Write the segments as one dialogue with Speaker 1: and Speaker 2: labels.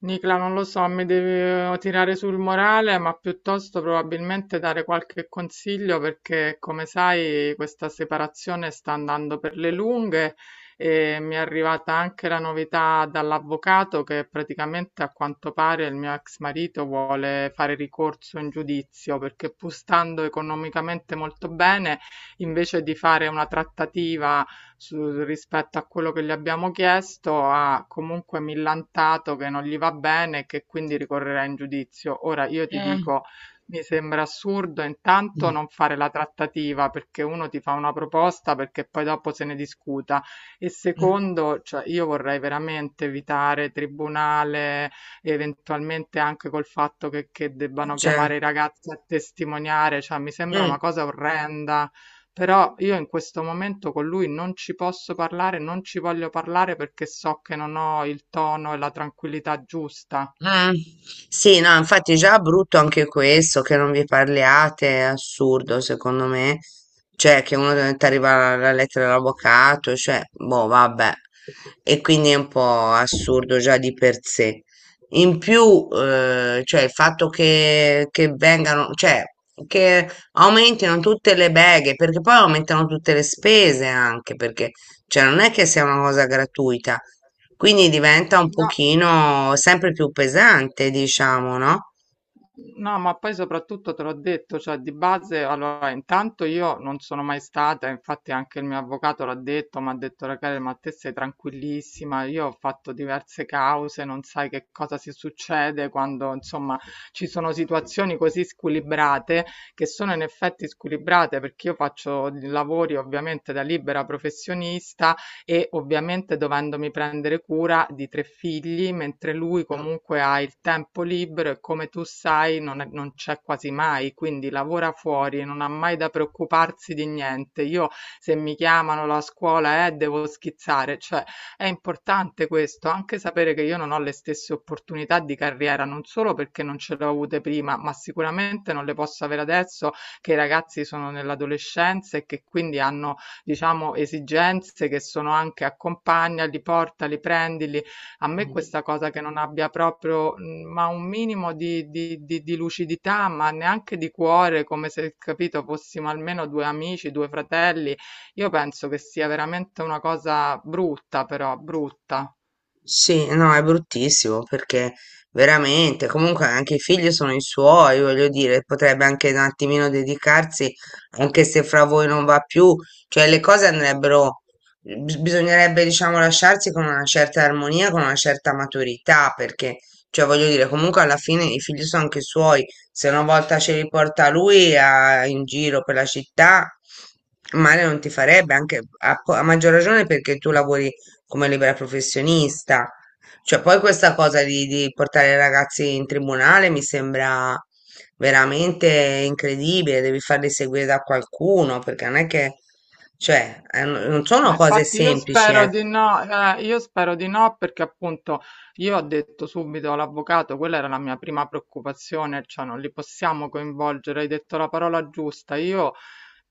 Speaker 1: Nicla non lo so, mi deve tirare sul morale, ma piuttosto probabilmente dare qualche consiglio perché, come sai, questa separazione sta andando per le lunghe e mi è arrivata anche la novità dall'avvocato che praticamente a quanto pare il mio ex marito vuole fare ricorso in giudizio perché pur stando economicamente molto bene, invece di fare una trattativa rispetto a quello che gli abbiamo chiesto, ha comunque millantato che non gli va bene e che quindi ricorrerà in giudizio. Ora io ti
Speaker 2: Mm,
Speaker 1: dico, mi sembra assurdo intanto
Speaker 2: mm,
Speaker 1: non fare la trattativa perché uno ti fa una proposta perché poi dopo se ne discuta e
Speaker 2: mm.
Speaker 1: secondo, cioè io vorrei veramente evitare tribunale, eventualmente anche col fatto che, debbano
Speaker 2: Cioè,
Speaker 1: chiamare i ragazzi a testimoniare, cioè mi sembra una
Speaker 2: mm,
Speaker 1: cosa orrenda. Però io in questo momento con lui non ci posso parlare, non ci voglio parlare perché so che non ho il tono e la tranquillità giusta.
Speaker 2: mm. Sì, no, infatti già brutto anche questo, che non vi parliate, è assurdo secondo me. Cioè, che uno ti arriva la lettera dall'avvocato, cioè, boh, vabbè. E quindi è un po' assurdo già di per sé. In più, cioè, il fatto che vengano, cioè, che aumentino tutte le beghe, perché poi aumentano tutte le spese anche, perché, cioè, non è che sia una cosa gratuita. Quindi diventa un
Speaker 1: No.
Speaker 2: pochino sempre più pesante, diciamo, no?
Speaker 1: No, ma poi soprattutto te l'ho detto, cioè di base, allora intanto io non sono mai stata, infatti anche il mio avvocato l'ha detto, mi ha detto Rachele, ma te sei tranquillissima, io ho fatto diverse cause, non sai che cosa si succede quando insomma ci sono situazioni così squilibrate, che sono in effetti squilibrate perché io faccio lavori ovviamente da libera professionista e ovviamente dovendomi prendere cura di 3 figli, mentre lui comunque ha il tempo libero e come tu sai non, non c'è quasi mai, quindi lavora fuori, non ha mai da preoccuparsi di niente. Io se mi chiamano la scuola devo schizzare, cioè è importante questo, anche sapere che io non ho le stesse opportunità di carriera, non solo perché non ce le ho avute prima, ma sicuramente non le posso avere adesso che i ragazzi sono nell'adolescenza e che quindi hanno diciamo, esigenze che sono anche accompagnali, portali, prendili. A me questa cosa che non abbia proprio ma un minimo di lucidità, ma neanche di cuore, come se, capito, fossimo almeno due amici, due fratelli, io penso che sia veramente una cosa brutta, però, brutta.
Speaker 2: Sì, no, è bruttissimo perché veramente, comunque anche i figli sono i suoi, voglio dire, potrebbe anche un attimino dedicarsi, anche se fra voi non va più, cioè le cose andrebbero, bisognerebbe, diciamo, lasciarsi con una certa armonia, con una certa maturità, perché, cioè, voglio dire, comunque alla fine i figli sono anche suoi, se una volta ce li porta lui in giro per la città, male non ti farebbe, anche a maggior ragione perché tu lavori come libera professionista. Cioè, poi questa cosa di portare i ragazzi in tribunale mi sembra veramente incredibile, devi farli seguire da qualcuno, perché non è che, cioè, non sono
Speaker 1: Ma
Speaker 2: cose
Speaker 1: infatti io
Speaker 2: semplici,
Speaker 1: spero
Speaker 2: eh.
Speaker 1: di no, io spero di no perché appunto io ho detto subito all'avvocato, quella era la mia prima preoccupazione, cioè non li possiamo coinvolgere, hai detto la parola giusta, io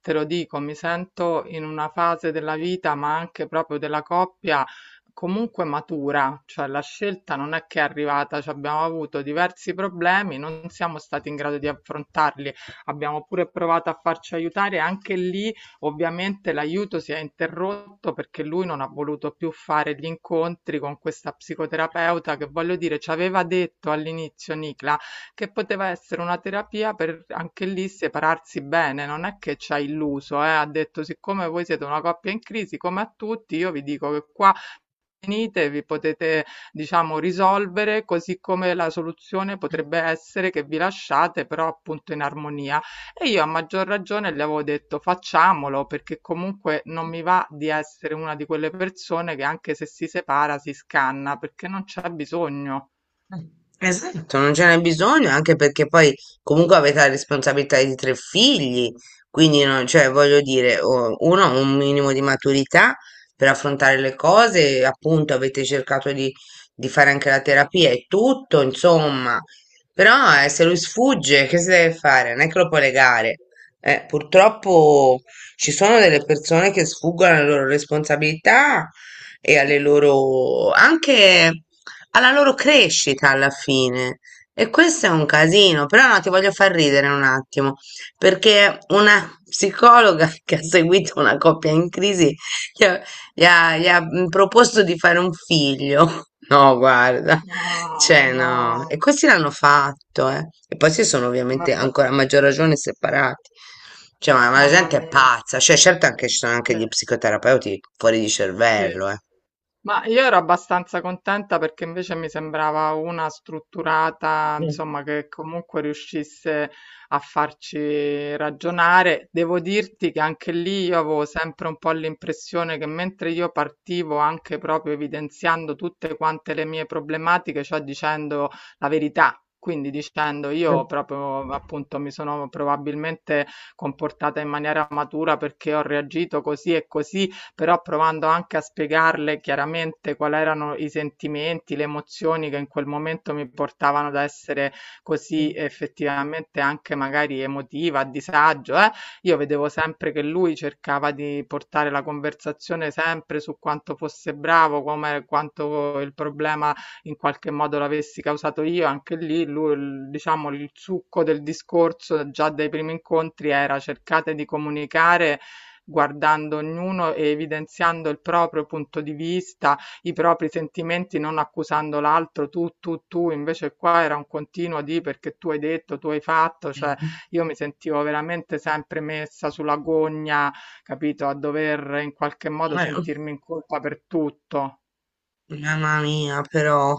Speaker 1: te lo dico, mi sento in una fase della vita, ma anche proprio della coppia, comunque matura, cioè la scelta non è che è arrivata, cioè abbiamo avuto diversi problemi, non siamo stati in grado di affrontarli, abbiamo pure provato a farci aiutare anche lì. Ovviamente l'aiuto si è interrotto perché lui non ha voluto più fare gli incontri con questa psicoterapeuta che voglio dire ci aveva detto all'inizio Nicla che poteva essere una terapia per anche lì separarsi bene, non è che ci ha illuso, ha detto siccome voi siete una coppia in crisi come a tutti io vi dico che qua venite, vi potete diciamo risolvere, così come la soluzione potrebbe essere che vi lasciate però appunto in armonia. E io a maggior ragione le avevo detto facciamolo perché comunque non mi va di essere una di quelle persone che anche se si separa si scanna perché non c'è bisogno.
Speaker 2: Esatto, non ce n'è bisogno, anche perché poi comunque avete la responsabilità di tre figli, quindi cioè, voglio dire, uno ha un minimo di maturità per affrontare le cose, appunto avete cercato di fare anche la terapia e tutto, insomma, però se lui sfugge, che si deve fare? Non è che lo può legare. Purtroppo ci sono delle persone che sfuggono alle loro responsabilità e alle loro anche alla loro crescita alla fine. E questo è un casino, però no, ti voglio far ridere un attimo, perché una psicologa che ha seguito una coppia in crisi gli ha, gli ha proposto di fare un figlio. No, guarda,
Speaker 1: No,
Speaker 2: cioè no,
Speaker 1: no,
Speaker 2: e questi l'hanno fatto, eh. E poi si sono
Speaker 1: ma
Speaker 2: ovviamente
Speaker 1: poi-
Speaker 2: ancora a maggior ragione separati. Cioè, ma la
Speaker 1: mamma
Speaker 2: gente è
Speaker 1: mia.
Speaker 2: pazza, cioè certo anche ci sono anche
Speaker 1: Sì.
Speaker 2: gli psicoterapeuti fuori di
Speaker 1: Sì.
Speaker 2: cervello, eh.
Speaker 1: Ma io ero abbastanza contenta perché invece mi sembrava una strutturata,
Speaker 2: Mm,
Speaker 1: insomma, che comunque riuscisse a farci ragionare. Devo dirti che anche lì io avevo sempre un po' l'impressione che mentre io partivo anche proprio evidenziando tutte quante le mie problematiche, cioè dicendo la verità. Quindi dicendo io
Speaker 2: mm.
Speaker 1: proprio appunto mi sono probabilmente comportata in maniera matura perché ho reagito così e così, però provando anche a spiegarle chiaramente quali erano i sentimenti, le emozioni che in quel momento mi portavano ad essere così
Speaker 2: Okay.
Speaker 1: effettivamente anche magari emotiva, a disagio, eh? Io vedevo sempre che lui cercava di portare la conversazione sempre su quanto fosse bravo, come quanto il problema in qualche modo l'avessi causato io, anche lì lui, diciamo il succo del discorso già dai primi incontri era cercate di comunicare guardando ognuno e evidenziando il proprio punto di vista, i propri sentimenti, non accusando l'altro tu, tu, tu, invece qua era un continuo di perché tu hai detto, tu hai fatto, cioè io mi sentivo veramente sempre messa sulla gogna, capito, a dover in qualche modo
Speaker 2: Ho
Speaker 1: sentirmi in colpa per tutto.
Speaker 2: Mamma mia, però.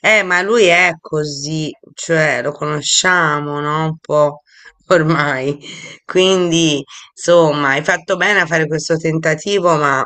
Speaker 2: Ma lui è così, cioè lo conosciamo, no? Un po' ormai. Quindi, insomma, hai fatto bene a fare questo tentativo, ma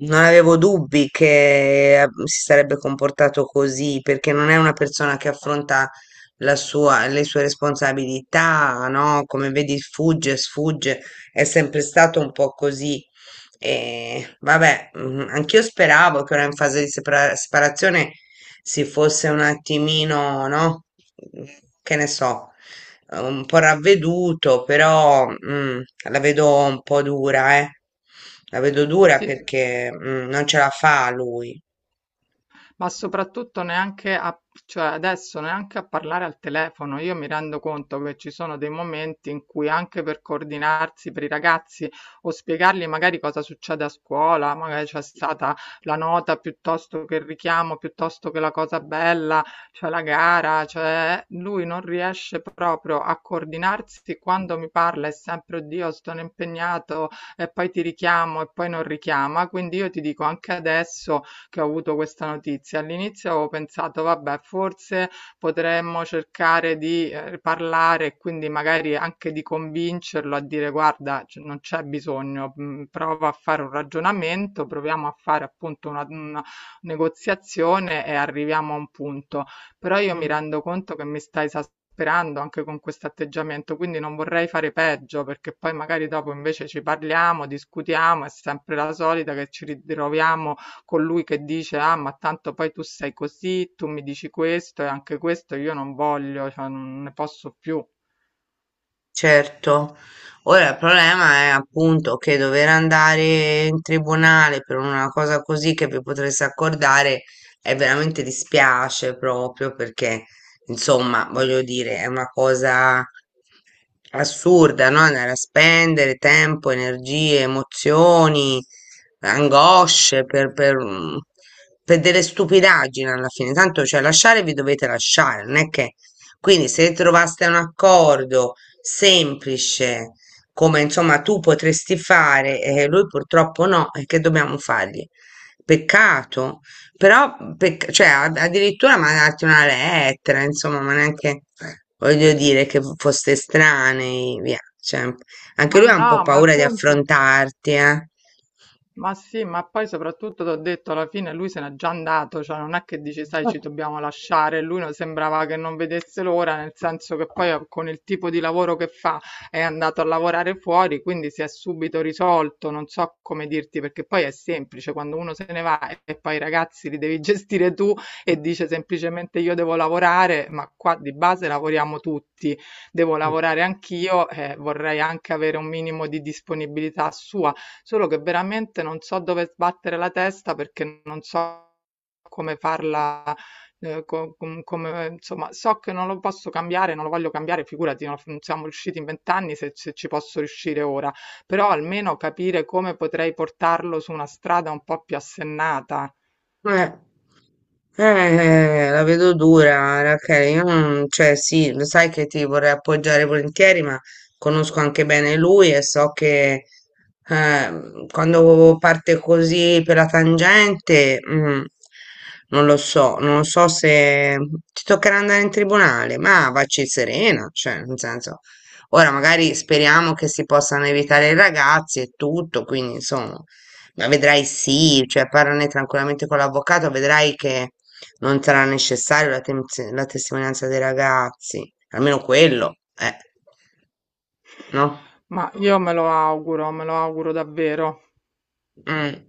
Speaker 2: non avevo dubbi che si sarebbe comportato così, perché non è una persona che affronta le sue responsabilità, no? Come vedi, fugge, sfugge, è sempre stato un po' così. E vabbè, anch'io speravo che ora in fase di separazione si fosse un attimino, no? Che ne so, un po' ravveduto, però la vedo un po' dura, eh. La vedo dura
Speaker 1: Sì,
Speaker 2: perché non ce la fa lui.
Speaker 1: ma soprattutto neanche a, cioè adesso neanche a parlare al telefono. Io mi rendo conto che ci sono dei momenti in cui anche per coordinarsi per i ragazzi o spiegargli magari cosa succede a scuola, magari c'è stata la nota piuttosto che il richiamo, piuttosto che la cosa bella, cioè la gara, cioè lui non riesce proprio a coordinarsi quando mi parla è sempre oddio, sono impegnato e poi ti richiamo e poi non richiama, quindi io ti dico anche adesso che ho avuto questa notizia. All'inizio avevo pensato, vabbè, forse potremmo cercare di parlare e quindi magari anche di convincerlo a dire, guarda, non c'è bisogno, prova a fare un ragionamento, proviamo a fare appunto una negoziazione e arriviamo a un punto. Però io mi rendo conto che mi sta esasperando anche con questo atteggiamento, quindi non vorrei fare peggio perché poi magari dopo invece ci parliamo, discutiamo, è sempre la solita che ci ritroviamo colui che dice ah ma tanto poi tu sei così, tu mi dici questo e anche questo io non voglio, cioè non ne posso più.
Speaker 2: Certo, ora il problema è appunto che dover andare in tribunale per una cosa così che vi potreste accordare è veramente dispiace proprio perché insomma voglio dire è una cosa assurda, no? Andare a spendere tempo, energie, emozioni, angosce per delle stupidaggini alla fine. Tanto cioè lasciare vi dovete lasciare, non è che quindi se trovaste un accordo semplice, come insomma tu potresti fare e lui purtroppo no, e che dobbiamo fargli? Peccato, però cioè, addirittura mandarti una lettera, insomma, ma neanche voglio dire che foste strani, via. Cioè, anche
Speaker 1: Ma
Speaker 2: lui ha un po'
Speaker 1: no, ma
Speaker 2: paura di
Speaker 1: appunto
Speaker 2: affrontarti, eh.
Speaker 1: Ma sì, ma poi soprattutto ti ho detto, alla fine lui se n'è già andato, cioè non è che dici, sai, ci dobbiamo lasciare, lui non sembrava che non vedesse l'ora, nel senso che poi con il tipo di lavoro che fa è andato a lavorare fuori, quindi si è subito risolto, non so come dirti, perché poi è semplice, quando uno se ne va e poi i ragazzi li devi gestire tu e dice semplicemente io devo lavorare, ma qua di base lavoriamo tutti, devo lavorare anch'io, vorrei anche avere un minimo di disponibilità sua. Solo che veramente non so dove sbattere la testa perché non so come farla, come, insomma, so che non lo posso cambiare, non lo voglio cambiare, figurati, non siamo riusciti in vent'anni se, se ci posso riuscire ora, però almeno capire come potrei portarlo su una strada un po' più assennata.
Speaker 2: Eh, eh, la vedo dura, Rachele. Io non, cioè, sì, lo sai che ti vorrei appoggiare volentieri, ma conosco anche bene lui e so che quando parte così per la tangente, non lo so, non lo so se ti toccherà andare in tribunale, ma vacci serena, cioè, nel senso, ora magari speriamo che si possano evitare i ragazzi e tutto, quindi insomma. Ma vedrai sì, cioè parlane tranquillamente con l'avvocato, vedrai che non sarà necessario la testimonianza dei ragazzi, almeno quello, no?
Speaker 1: Ma io me lo auguro davvero.
Speaker 2: Mm.